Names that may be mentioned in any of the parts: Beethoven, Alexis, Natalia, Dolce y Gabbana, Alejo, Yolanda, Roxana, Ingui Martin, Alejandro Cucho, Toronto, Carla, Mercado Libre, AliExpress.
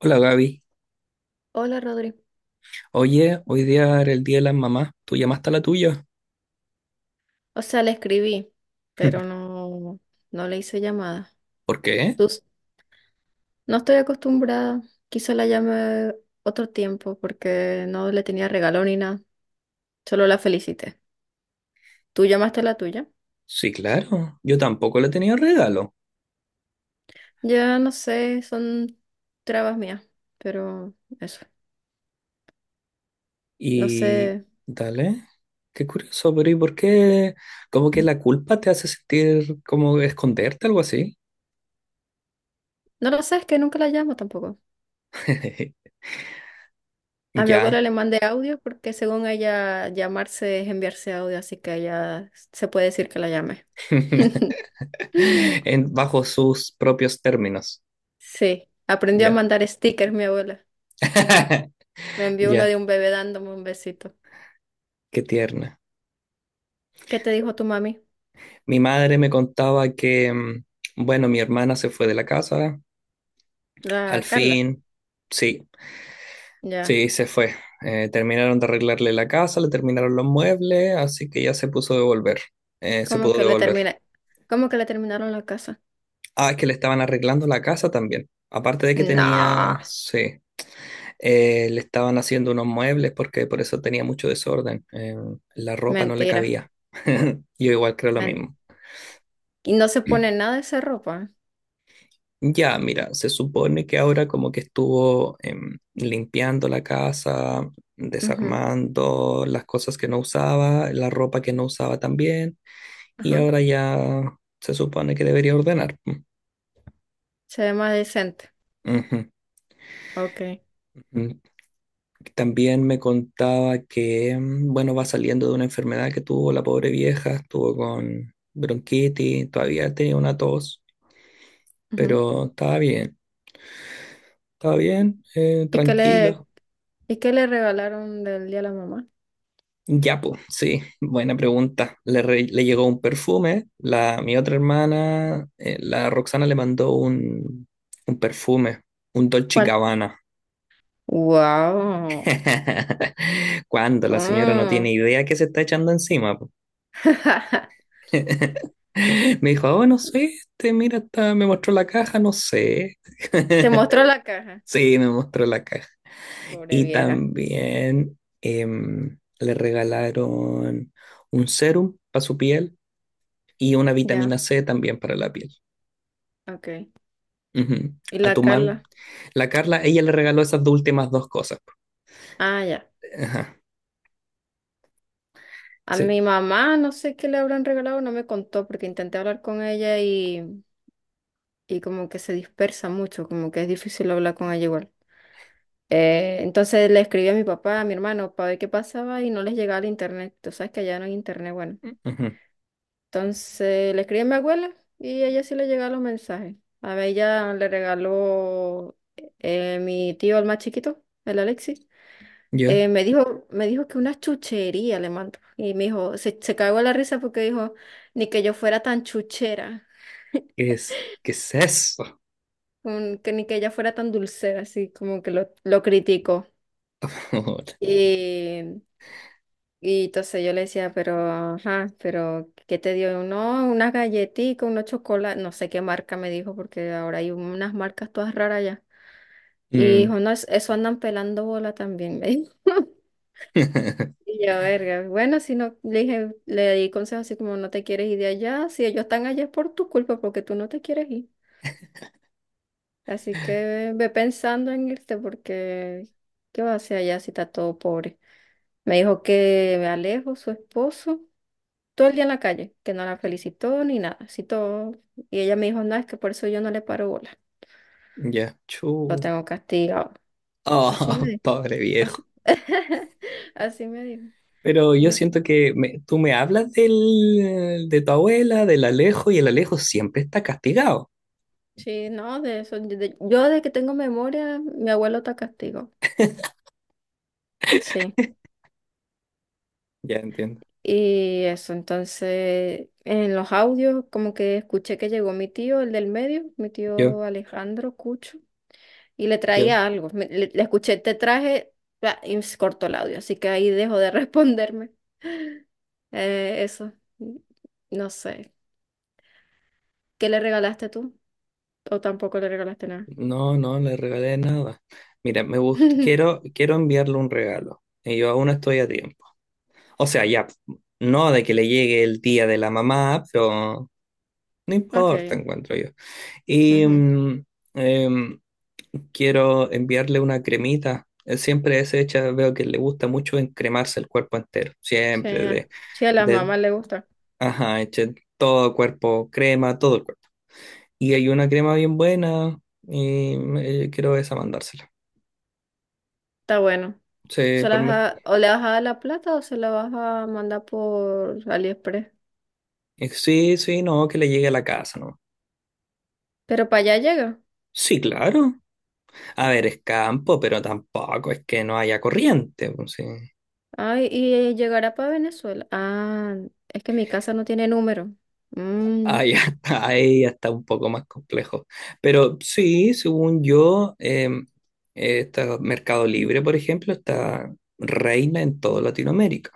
Hola Gaby. Hola Rodri. Oye, hoy día era el día de las mamás. ¿Tú llamaste a la tuya? O sea, le escribí, pero no, no le hice llamada. ¿Por qué? Tus- no estoy acostumbrada. Quizá la llame otro tiempo porque no le tenía regalo ni nada. Solo la felicité. ¿Tú llamaste a la tuya? Sí, claro. Yo tampoco le tenía regalo. Ya no sé, son trabas mías, pero eso. No Y... sé. Dale. Qué curioso, pero ¿y por qué? Como que la culpa te hace sentir como esconderte, algo así. No lo sé, es que nunca la llamo tampoco. A mi Ya. abuela le mandé audio porque según ella llamarse es enviarse audio, así que ella se puede decir que la llame. Bajo sus propios términos. Sí, aprendió a Ya. mandar stickers mi abuela. Me envió uno Ya. de un bebé dándome un besito. Qué tierna. ¿Qué te dijo tu mami? Mi madre me contaba que, bueno, mi hermana se fue de la casa. Al La Carla. fin. Sí, Ya. sí, se fue. Terminaron de arreglarle la casa, le terminaron los muebles, así que ya se puso a devolver. Se ¿Cómo pudo que le devolver. termina? ¿Cómo que le terminaron la casa? Ah, es que le estaban arreglando la casa también. Aparte de que No, tenía, sí, le estaban haciendo unos muebles porque por eso tenía mucho desorden. La ropa no le mentira. cabía. Yo igual creo lo Men- mismo. Y no se pone nada de esa ropa. Ya, mira, se supone que ahora como que estuvo limpiando la casa, ¿Eh? Ujú. desarmando las cosas que no usaba, la ropa que no usaba también. Y Ajá. ahora ya se supone que debería ordenar. Mm, Se ve más decente. ujú, Ok. ujú. También me contaba que, bueno, va saliendo de una enfermedad que tuvo la pobre vieja, estuvo con bronquitis, todavía tenía una tos, Ujú. pero estaba bien, ¿Y qué tranquila. le, y qué le regalaron del día a la mamá? Ya, pues, sí, buena pregunta. Le, re- le llegó un perfume, la, mi otra hermana, la Roxana le mandó un perfume, un Dolce y ¿Cuál? Gabbana. Wow. Cuando la señora no tiene idea que se está echando encima. Po. Me dijo, oh, no sé, este, mira, está- me mostró la caja, no sé. Te mostró la caja. Sí, me mostró la caja. Pobre Y vieja. también le regalaron un serum para su piel y una Ya. vitamina C también para la piel. Ok. Ujú. ¿Y A la tu mam. Carla? La Carla, ella le regaló esas dos últimas dos cosas. Ah, ya. Ajá, A sí. mi mamá no sé qué le habrán regalado, no me contó porque intenté hablar con ella y como que se dispersa mucho, como que es difícil hablar con ella igual. Entonces le escribí a mi papá, a mi hermano, para ver qué pasaba y no les llegaba el internet. Tú sabes que allá no hay internet, bueno. Ujú. Entonces le escribí a mi abuela y a ella sí le llegaban los mensajes. A ella le regaló mi tío, el más chiquito, el Alexis. Yo, Me dijo, me dijo que una chuchería le mandó. Y me dijo, se cagó la risa porque dijo, ni que yo fuera tan chuchera, qué es eso? Que ni que ella fuera tan dulcera, así como que lo criticó. Y, y entonces yo le decía, pero, ajá, pero, ¿qué te dio? No, unas galletitas, unos chocolates, no sé qué marca me dijo, porque ahora hay unas marcas todas raras ya. Y Mm, dijo, no, es- eso andan pelando bola también, me dijo. Y yo, verga, bueno, si no, le dije, le di consejos así como no te quieres ir de allá, si ellos están allá es por tu culpa, porque tú no te quieres ir. Así que ve pensando en irte, porque ¿qué va a hacer allá si está todo pobre? Me dijo que me alejo, su esposo, todo el día en la calle, que no la felicitó ni nada, así todo. Y ella me dijo, no, es que por eso yo no le paro bola, ya, chu. lo tengo castigado. Así me Oh, dijo, pobre viejo. así, así me dijo. Pero yo Mm. siento que me- tú me hablas del, de tu abuela, del Alejo, y el Alejo siempre está castigado. Sí, no, de eso. Yo de que tengo memoria, mi abuelo está castigo. Sí. Ya entiendo. Y eso, entonces, en los audios, como que escuché que llegó mi tío, el del medio, mi Yo, tío Alejandro Cucho, y le yo, traía algo. Le, le escuché, te traje, bla, y se cortó el audio, así que ahí dejó de responderme. Eh, eso, no sé. ¿Qué le regalaste tú? ¿O tampoco le regalaste nada? no, no le regalé nada. Mira, me gusta, quiero enviarle un regalo. Y yo aún estoy a tiempo. O sea, ya, no de que le llegue el día de la mamá, pero no importa, Ok. encuentro yo. Y, Ujú. Em, quiero enviarle una cremita. Él siempre es hecha, veo que le gusta mucho encremarse el cuerpo entero. Sí, Siempre sí, a la de, mamá le gusta. ajá, eche todo el cuerpo, crema, todo el cuerpo. Y hay una crema bien buena y quiero esa mandársela. Está bueno. Sí, por mer- O le vas a dar la plata o se la vas a mandar por AliExpress. Sí, sí, no, que le llegue a la casa, ¿no? Pero para allá llega. Sí, claro. A ver, es campo, pero tampoco es que no haya corriente. Pues, sí. Ay, y llegará para Venezuela. Ah, es que mi casa no tiene número. Mm, Ahí está, ahí ya está un poco más complejo. Pero sí, según yo, está Mercado Libre, por ejemplo, está reina en toda Latinoamérica.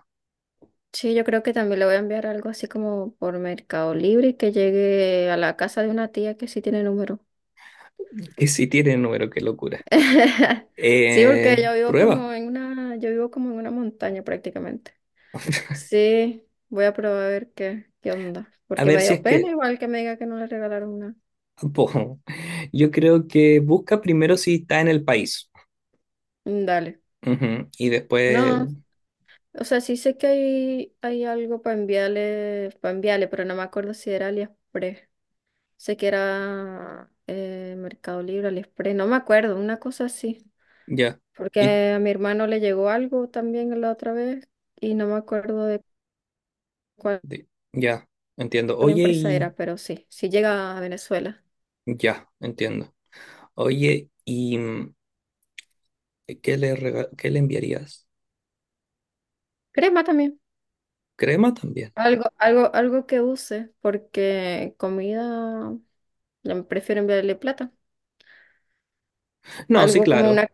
sí, yo creo que también le voy a enviar algo así como por Mercado Libre y que llegue a la casa de una tía que sí tiene número. Que sí tiene número, qué locura. Sí, porque yo vivo Prueba. como en una, yo vivo como en una montaña prácticamente. Sí, voy a probar a ver qué, qué onda. A Porque ver me si dio es que... pena igual que me diga que no le regalaron nada. po, yo creo que busca primero si está en el país. Mm. Dale. Ujú, y después, No, o sea, sí sé que hay algo para enviarle, pero no me acuerdo si era AliExpress. Sé que era Mercado Libre, AliExpress, no me acuerdo, una cosa así. ya. Y, Porque a mi hermano le llegó algo también la otra vez y no me acuerdo de cuál de- ya, entiendo. Oye, empresa y... era, pero sí, sí llega a Venezuela. ya, entiendo. Oye, y... ¿Qué le, rega- qué le enviarías? Crema también. ¿Crema también? Algo, algo, algo que use, porque comida, ya me prefiero enviarle plata. No, sí, Algo como claro.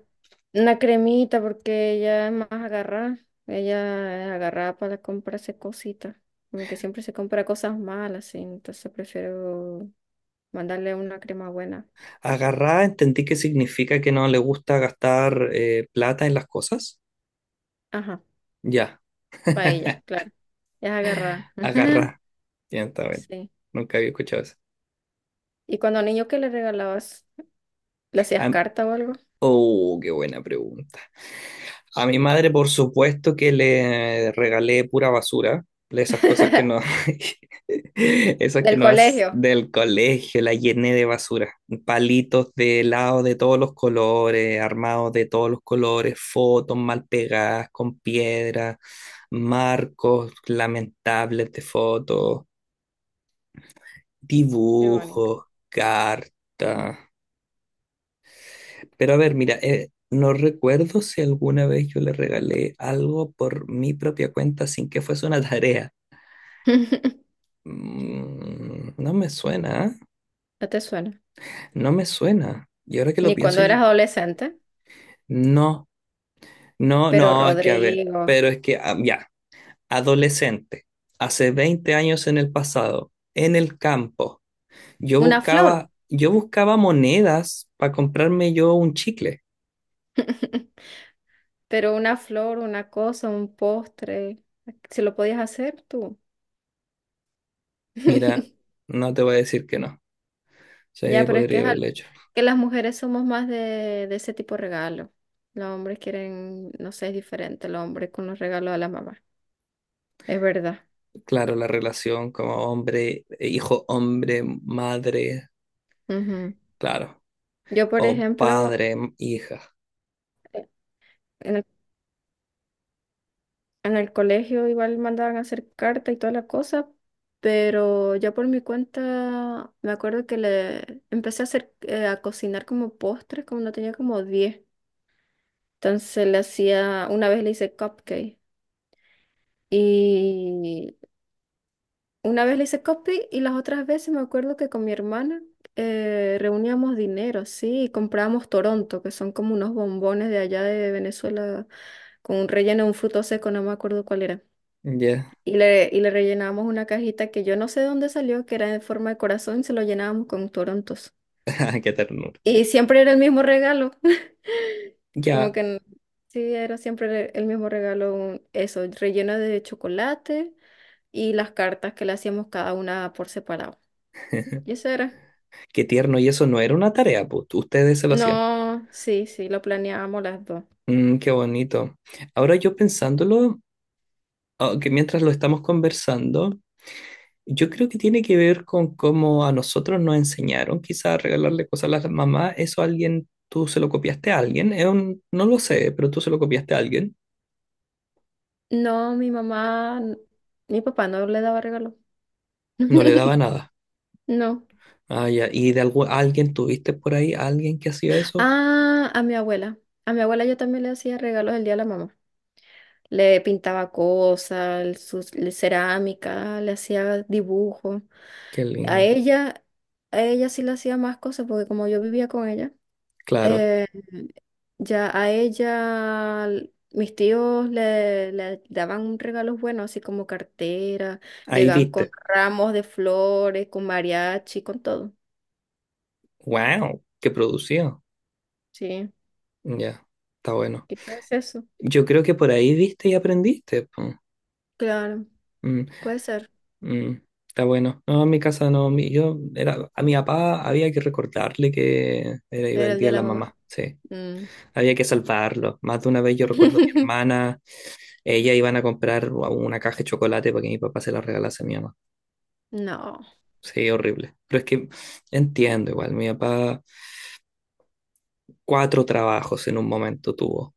una cremita, porque ella es más agarrada. Ella es agarrada para comprarse cositas. Como que siempre se compra cosas malas, sí. Entonces prefiero mandarle una crema buena. Agarrá, entendí que significa que no le gusta gastar plata en las cosas. Ajá, Ya, para ella, claro. Ella es agarrada. agarrá. Ya está bien. Sí. Nunca había escuchado eso. ¿Y cuando niño qué le regalabas? ¿Le hacías Am- carta o algo? oh, qué buena pregunta. A mi madre, por supuesto que le regalé pura basura, de esas cosas que no, esas que Del no es colegio. del colegio, la llené de basura, palitos de helado de todos los colores, armados de todos los colores, fotos mal pegadas con piedra, marcos lamentables de fotos, Qué bonito. dibujos, cartas. Pero a ver, mira, no recuerdo si alguna vez yo le regalé algo por mi propia cuenta sin que fuese una tarea. Mm, no me suena, ¿eh? No te suena. No me suena. Y ahora que lo Ni pienso, cuando yo- eras adolescente, no, no, pero no, es que a ver, Rodrigo. pero es que ah, ya, adolescente, hace 20 años en el pasado, en el campo, Una flor. Yo buscaba monedas para comprarme yo un chicle. Pero una flor, una cosa, un postre, si lo podías hacer tú. Mira, no te voy a decir que no. Ya, Sí, pero es que, podría haberlo hecho. que las mujeres somos más de ese tipo de regalo. Los hombres quieren, no sé, es diferente el hombre con los regalos de la mamá. Es verdad. Claro, la relación como hombre, hijo, hombre, madre, Ujú. claro, Yo, por o ejemplo, padre, m- hija. eh, en el, en el colegio igual mandaban a hacer carta y toda la cosa, pero yo por mi cuenta me acuerdo que le empecé a hacer, a cocinar como postres, como no tenía como 10. Entonces le hacía, una vez le hice cupcake y una vez le hice cupcake y las otras veces me acuerdo que con mi hermana reuníamos dinero, sí, y comprábamos Toronto, que son como unos bombones de allá de Venezuela con un relleno de un fruto seco, no me acuerdo cuál era. Ya, Y le rellenábamos una cajita que yo no sé de dónde salió, que era en forma de corazón, y se lo llenábamos con Torontos. ah, qué ternura. Y siempre era el mismo regalo. Como Ya, que n- sí, era siempre el mismo regalo, relleno de chocolate y las cartas que le hacíamos cada una por separado. Y eso era. qué tierno. Y eso no era una tarea, pues ustedes se lo hacían. No, sí, sí, lo planeábamos las dos. Mm, qué bonito. Ahora yo pensándolo, ah, que mientras lo estamos conversando, yo creo que tiene que ver con cómo a nosotros nos enseñaron, quizás a regalarle cosas a las mamás. Eso a alguien, tú se lo copiaste a alguien. Es un- no lo sé, pero tú se lo copiaste a alguien. No, mi mamá, mi papá no le daba regalo. No le daba nada. No. Ah, ya. ¿Y de algu- alguien tuviste por ahí, alguien que hacía eso? Ah, a mi abuela. A mi abuela yo también le hacía regalos el día de la mamá. Le pintaba cosas, cerámica, le hacía dibujos. Qué A lindo. ella, a ella sí le hacía más cosas porque como yo vivía con ella, Claro. eh, ya a ella mis tíos le, le daban regalos buenos, así como cartera, Ahí llegaban con viste. ramos de flores, con mariachi, con todo. ¡Wow! ¡Qué producido! Sí, Ya. Está bueno. quizás es eso. Yo creo que por ahí viste y aprendiste. Po. Claro, Mm, puede ser. mm, está bueno. No, en mi casa no. Mi- yo era, a mi papá había que recordarle que era iba Era el el día día de de la la mamá. mamá. Sí. Mm. Había que salvarlo. Más de una vez yo recuerdo a mi hermana. Ella iban a comprar una caja de chocolate para que mi papá se la regalase a mi mamá. No, Sí, horrible. Pero es que entiendo igual, mi papá cuatro trabajos en un momento tuvo.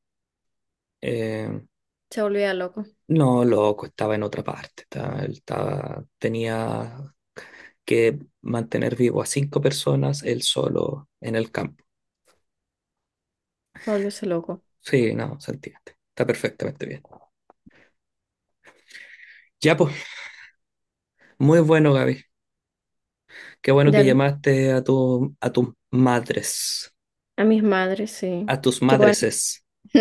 Eh, se volvía loco, no, loco, estaba en otra parte. Él estaba- tenía que mantener vivo a cinco personas él solo en el campo. volvióse loco. Sí, no, se entiende. Está perfectamente bien. Ya, pues, muy bueno, Gaby. Qué bueno que Ya, llamaste a tus madres, a mis madres, sí. a tus Qué bueno. madreses.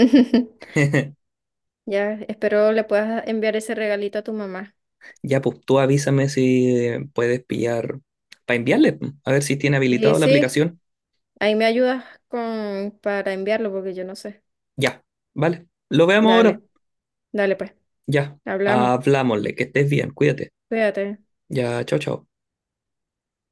Ya, espero le puedas enviar ese regalito a tu mamá. Ya, pues tú avísame si puedes pillar para enviarle, po, a ver si tiene Y habilitado la sí, aplicación. ahí me ayudas con para enviarlo porque yo no sé. Ya, vale. Lo veamos Dale, ahora. dale pues, Ya, hablamos. hablámosle, que estés bien, cuídate. Cuídate. Ya, chao, chao.